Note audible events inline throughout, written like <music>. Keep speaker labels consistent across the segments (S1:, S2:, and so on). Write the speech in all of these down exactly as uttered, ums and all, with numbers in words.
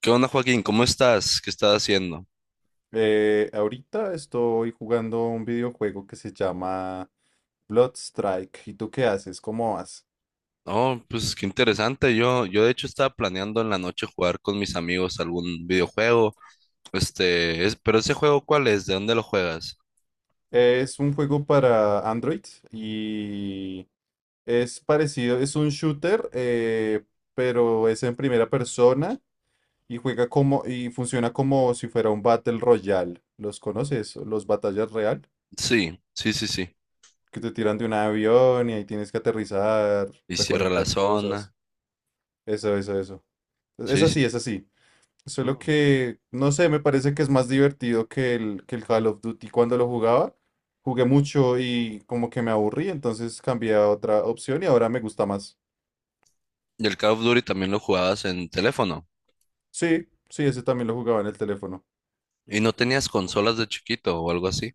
S1: ¿Qué onda, Joaquín? ¿Cómo estás? ¿Qué estás haciendo?
S2: Eh, ahorita estoy jugando un videojuego que se llama Bloodstrike. ¿Y tú qué haces? ¿Cómo vas?
S1: Oh, pues qué interesante. Yo, yo de hecho estaba planeando en la noche jugar con mis amigos algún videojuego. Este, es, pero ese juego, ¿cuál es? ¿De dónde lo juegas?
S2: Es un juego para Android y es parecido, es un shooter, eh, pero es en primera persona y juega como y funciona como si fuera un Battle Royale. ¿Los conoces? Los batallas real,
S1: Sí, sí, sí, sí.
S2: que te tiran de un avión y ahí tienes que aterrizar,
S1: Y cierra la
S2: recolectar cosas.
S1: zona.
S2: Eso, eso, eso. Es
S1: Sí,
S2: así,
S1: sí.
S2: es así. Solo
S1: Mm.
S2: que, no sé, me parece que es más divertido que el, que el Call of Duty. Cuando lo jugaba, jugué mucho y como que me aburrí, entonces cambié a otra opción y ahora me gusta más.
S1: Y el Call of Duty también lo jugabas en teléfono.
S2: Sí, sí, ese también lo jugaba en el teléfono.
S1: ¿Y no tenías consolas de chiquito o algo así?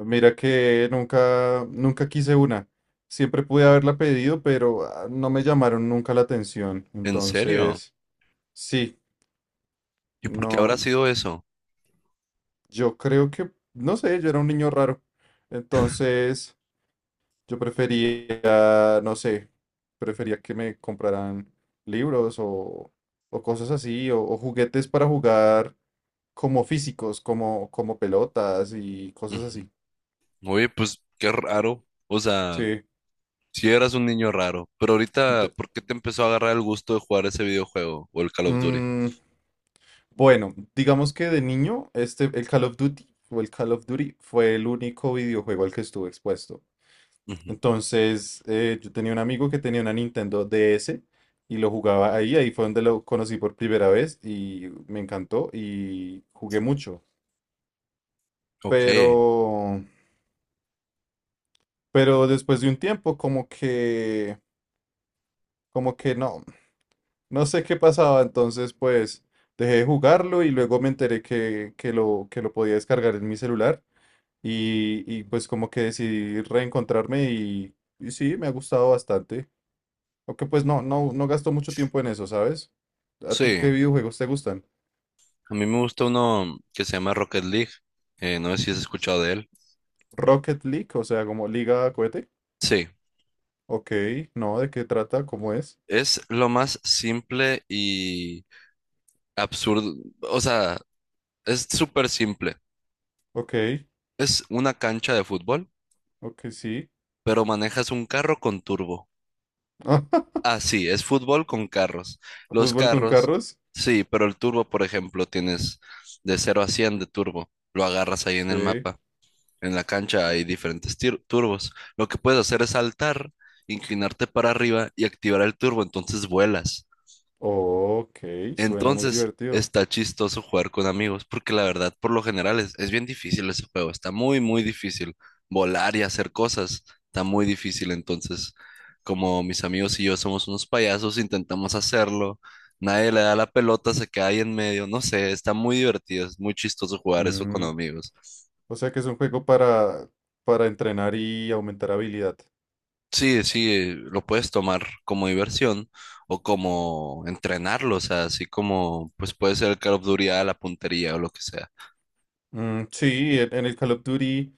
S2: Mira que nunca, nunca quise una. Siempre pude haberla pedido, pero ah, no me llamaron nunca la atención.
S1: ¿En serio?
S2: Entonces, sí,
S1: ¿Y por qué habrá
S2: no,
S1: sido eso?
S2: yo creo que, no sé, yo era un niño raro. Entonces, yo prefería, no sé, prefería que me compraran libros o, o cosas así, o, o juguetes para jugar como físicos, como, como pelotas y cosas
S1: Ujú.
S2: así.
S1: Oye, pues qué raro. O sea,
S2: Sí.
S1: si eras un niño raro, pero ahorita,
S2: D-
S1: ¿por qué te empezó a agarrar el gusto de jugar ese videojuego o el Call of Duty?
S2: mm, bueno, digamos que de niño, este, el Call of Duty o el Call of Duty fue el único videojuego al que estuve expuesto.
S1: Ujú.
S2: Entonces, eh, yo tenía un amigo que tenía una Nintendo DS y lo jugaba ahí, ahí fue donde lo conocí por primera vez y me encantó y jugué mucho.
S1: Ok,
S2: Pero, pero después de un tiempo, como que, como que no, no sé qué pasaba, entonces pues dejé de jugarlo y luego me enteré que, que lo, que lo podía descargar en mi celular y, y pues como que decidí reencontrarme y, y sí, me ha gustado bastante. Aunque pues no, no, no gasto mucho tiempo en eso, ¿sabes? ¿A ti
S1: sí,
S2: qué videojuegos te gustan?
S1: a mí me gusta uno que se llama Rocket League, eh, no sé si has escuchado de él.
S2: Rocket League, o sea, como Liga Cohete.
S1: Sí,
S2: Ok, no, ¿de qué trata? ¿Cómo es?
S1: es lo más simple y absurdo, o sea, es súper simple.
S2: Ok,
S1: Es una cancha de fútbol,
S2: ok, sí.
S1: pero manejas un carro con turbo.
S2: <laughs>
S1: Ah, sí, es fútbol con carros. Los
S2: ¿Fútbol con
S1: carros,
S2: carros?
S1: sí, pero el turbo, por ejemplo, tienes de cero a cien de turbo. Lo agarras ahí en el
S2: Sí.
S1: mapa. En la cancha hay diferentes tir- turbos. Lo que puedes hacer es saltar, inclinarte para arriba y activar el turbo. Entonces vuelas.
S2: Ok, suena muy
S1: Entonces
S2: divertido.
S1: está chistoso jugar con amigos, porque la verdad, por lo general, es, es bien difícil ese juego. Está muy, muy difícil. Volar y hacer cosas está muy difícil. Entonces, como mis amigos y yo somos unos payasos, intentamos hacerlo. Nadie le da la pelota, se queda ahí en medio. No sé, está muy divertido. Es muy chistoso jugar eso con
S2: Mm,
S1: amigos.
S2: o sea que es un juego para, para entrenar y aumentar habilidad.
S1: Sí, sí, lo puedes tomar como diversión o como entrenarlo. O sea, así como, pues puede ser el Call of Duty a la puntería o lo que sea.
S2: Mm, sí, en, en el Call of Duty,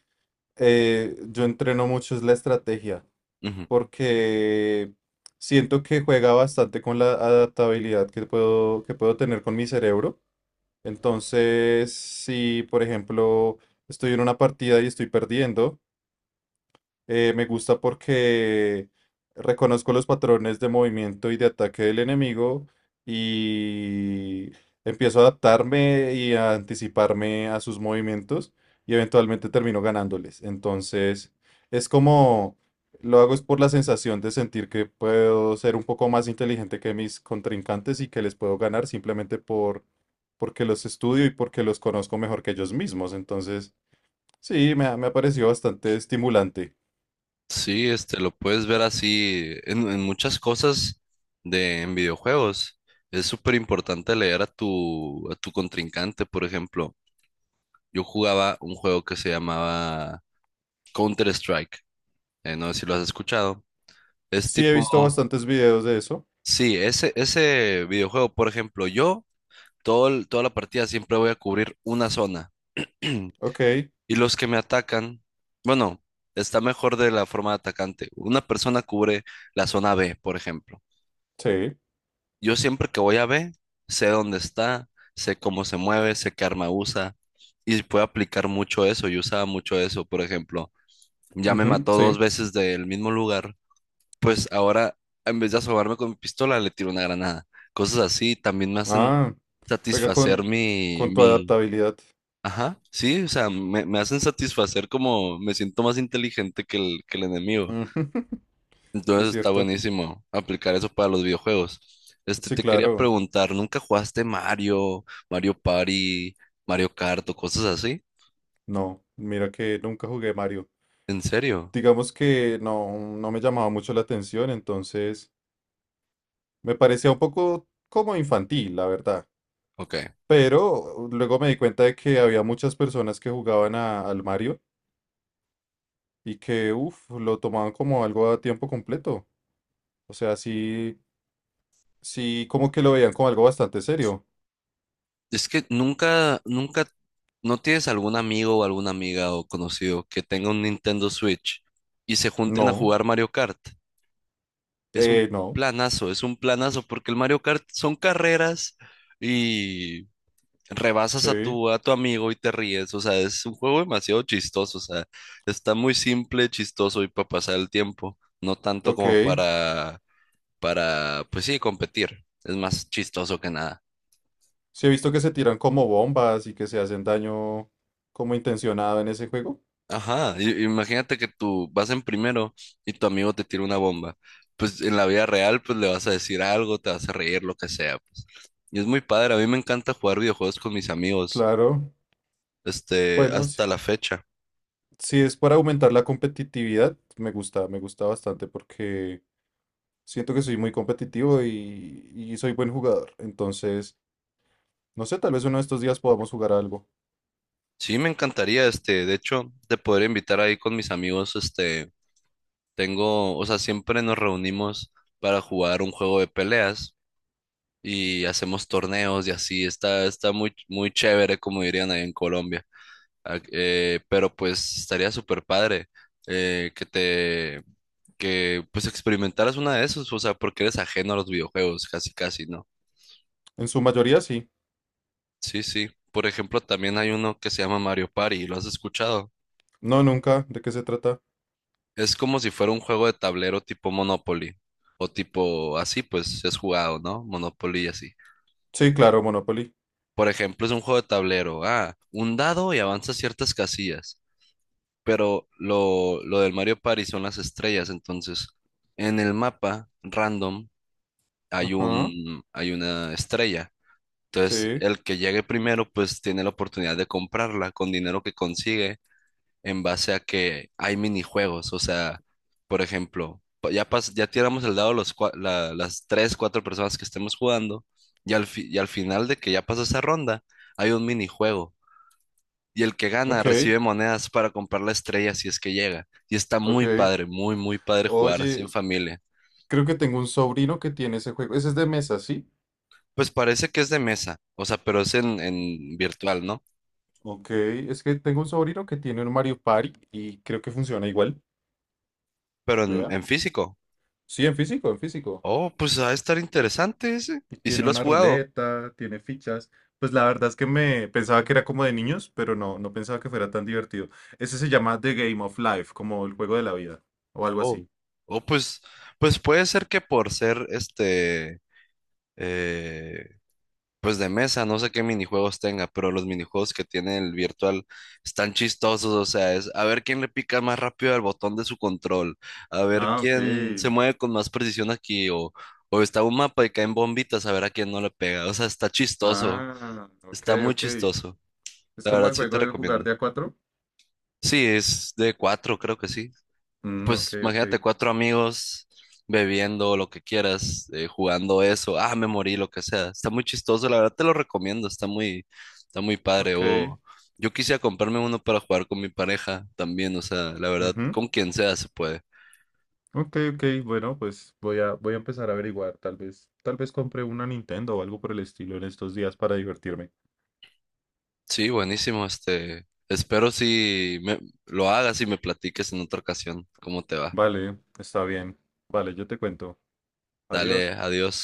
S2: eh, yo entreno mucho es la estrategia,
S1: Ujú.
S2: porque siento que juega bastante con la adaptabilidad que puedo, que puedo tener con mi cerebro. Entonces, si por ejemplo estoy en una partida y estoy perdiendo, eh, me gusta porque reconozco los patrones de movimiento y de ataque del enemigo y empiezo a adaptarme y a anticiparme a sus movimientos y eventualmente termino ganándoles. Entonces, es como lo hago es por la sensación de sentir que puedo ser un poco más inteligente que mis contrincantes y que les puedo ganar simplemente por porque los estudio y porque los conozco mejor que ellos mismos. Entonces, sí, me ha, me ha parecido bastante estimulante.
S1: Sí, este, lo puedes ver así en, en muchas cosas de en videojuegos. Es súper importante leer a tu, a tu contrincante, por ejemplo. Yo jugaba un juego que se llamaba Counter-Strike. Eh, no sé si lo has escuchado. Es
S2: Sí, he
S1: tipo,
S2: visto
S1: no.
S2: bastantes videos de eso.
S1: Sí, ese, ese videojuego, por ejemplo, yo todo el- toda la partida siempre voy a cubrir una zona. <clears throat>
S2: Ok,
S1: Y los que me atacan, bueno, está mejor de la forma de atacante. Una persona cubre la zona B, por ejemplo.
S2: sí.
S1: Yo siempre que voy a B, sé dónde está, sé cómo se mueve, sé qué arma usa y puedo aplicar mucho eso. Yo usaba mucho eso, por ejemplo, ya me
S2: Ujú,
S1: mató dos
S2: sí.
S1: veces del mismo lugar, pues ahora en vez de asomarme con mi pistola le tiro una granada. Cosas así también me hacen
S2: Ah, juega
S1: satisfacer
S2: con,
S1: mi,
S2: con tu
S1: mi,
S2: adaptabilidad.
S1: ajá, sí, o sea, me, me hacen satisfacer como me siento más inteligente que el, que el enemigo.
S2: Ujú, <laughs> es
S1: Entonces está
S2: cierto.
S1: buenísimo aplicar eso para los videojuegos. Este,
S2: Sí,
S1: te quería
S2: claro.
S1: preguntar, ¿nunca jugaste Mario, Mario Party, Mario Kart o cosas así?
S2: No, mira que nunca jugué Mario.
S1: ¿En serio?
S2: Digamos que no, no me llamaba mucho la atención, entonces me parecía un poco como infantil, la verdad.
S1: Ok.
S2: Pero luego me di cuenta de que había muchas personas que jugaban a- al Mario y que, uff, lo tomaban como algo a tiempo completo. O sea, sí. Sí, como que lo veían como algo bastante serio.
S1: Es que nunca, nunca, ¿no tienes algún amigo o alguna amiga o conocido que tenga un Nintendo Switch y se junten a
S2: No,
S1: jugar Mario Kart? Es un
S2: eh, no,
S1: planazo, es un planazo, porque el Mario Kart son carreras y rebasas a
S2: sí,
S1: tu, a tu amigo y te ríes. O sea, es un juego demasiado chistoso. O sea, está muy simple, chistoso y para pasar el tiempo. No tanto
S2: ok.
S1: como para, para, pues sí, competir. Es más chistoso que nada.
S2: Sí he visto que se tiran como bombas y que se hacen daño como intencionado en ese juego.
S1: Ajá, i- imagínate que tú vas en primero y tu amigo te tira una bomba. Pues en la vida real, pues le vas a decir algo, te vas a reír, lo que sea, pues. Y es muy padre, a mí me encanta jugar videojuegos con mis amigos,
S2: Claro,
S1: este,
S2: bueno, si,
S1: hasta la fecha.
S2: si es para aumentar la competitividad, me gusta, me gusta bastante porque siento que soy muy competitivo y, y soy buen jugador. Entonces, no sé, tal vez uno de estos días podamos jugar algo.
S1: Sí, me encantaría, este, de hecho, te podría invitar ahí con mis amigos, este, tengo, o sea, siempre nos reunimos para jugar un juego de peleas y hacemos torneos y así, está, está muy, muy chévere, como dirían ahí en Colombia. Ah, eh, pero pues estaría súper padre eh, que te, que pues experimentaras una de esos, o sea, porque eres ajeno a los videojuegos, casi, casi, ¿no?
S2: En su mayoría sí.
S1: Sí, sí, por ejemplo, también hay uno que se llama Mario Party, ¿lo has escuchado?
S2: No, nunca. ¿De qué se trata?
S1: Es como si fuera un juego de tablero tipo Monopoly o tipo así, pues es jugado, ¿no? Monopoly y así.
S2: Sí, claro, Monopoly.
S1: Por ejemplo, es un juego de tablero. Ah, un dado y avanza ciertas casillas. Pero lo, lo del Mario Party son las estrellas. Entonces, en el mapa random hay
S2: Ajá,
S1: un, hay una estrella. Entonces,
S2: sí,
S1: el que llegue primero, pues tiene la oportunidad de comprarla con dinero que consigue en base a que hay minijuegos. O sea, por ejemplo, pa- ya, pas- ya tiramos el dado los, cua- la- las tres, cuatro personas que estemos jugando y al, fi- y al final de que ya pasó esa ronda, hay un minijuego. Y el que gana
S2: ok.
S1: recibe monedas para comprar la estrella si es que llega. Y está muy
S2: Ok.
S1: padre, muy, muy padre jugar así en
S2: Oye,
S1: familia.
S2: creo que tengo un sobrino que tiene ese juego. Ese es de mesa, ¿sí?
S1: Pues parece que es de mesa, o sea, pero es en, en virtual, ¿no?
S2: Ok. Es que tengo un sobrino que tiene un Mario Party y creo que funciona igual.
S1: Pero en,
S2: Vea.
S1: en físico.
S2: Sí, en físico, en físico.
S1: Oh, pues va a estar interesante ese.
S2: Y
S1: ¿Y si
S2: tiene
S1: lo has
S2: una
S1: jugado?
S2: ruleta, tiene fichas. Pues la verdad es que me pensaba que era como de niños, pero no, no pensaba que fuera tan divertido. Ese se llama The Game of Life, como el juego de la vida, o algo
S1: Oh.
S2: así.
S1: O pues, pues puede ser que por ser este, eh, pues de mesa, no sé qué minijuegos tenga, pero los minijuegos que tiene el virtual están chistosos, o sea, es a ver quién le pica más rápido al botón de su control, a ver
S2: Ah, ok.
S1: quién se mueve con más precisión aquí, o, o está un mapa y caen bombitas, a ver a quién no le pega, o sea, está chistoso,
S2: Ah, ok,
S1: está muy
S2: ok.
S1: chistoso,
S2: Es
S1: la
S2: como
S1: verdad
S2: el
S1: sí te
S2: juego de jugar
S1: recomiendo.
S2: de a cuatro.
S1: Sí, es de cuatro, creo que sí.
S2: Mm, ok,
S1: Pues
S2: ok.
S1: imagínate cuatro amigos bebiendo lo que quieras, eh, jugando eso, ah, me morí, lo que sea. Está muy chistoso, la verdad te lo recomiendo, está muy, está muy padre.
S2: Ok.
S1: O yo quisiera comprarme uno para jugar con mi pareja también, o sea, la verdad,
S2: Ujú.
S1: con quien sea se puede.
S2: Ok, ok, bueno, pues voy a, voy a empezar a averiguar, tal vez, tal vez compre una Nintendo o algo por el estilo en estos días para divertirme.
S1: Sí, buenísimo, este, espero si me, lo hagas y me platiques en otra ocasión cómo te va.
S2: Vale, está bien. Vale, yo te cuento.
S1: Dale,
S2: Adiós.
S1: adiós.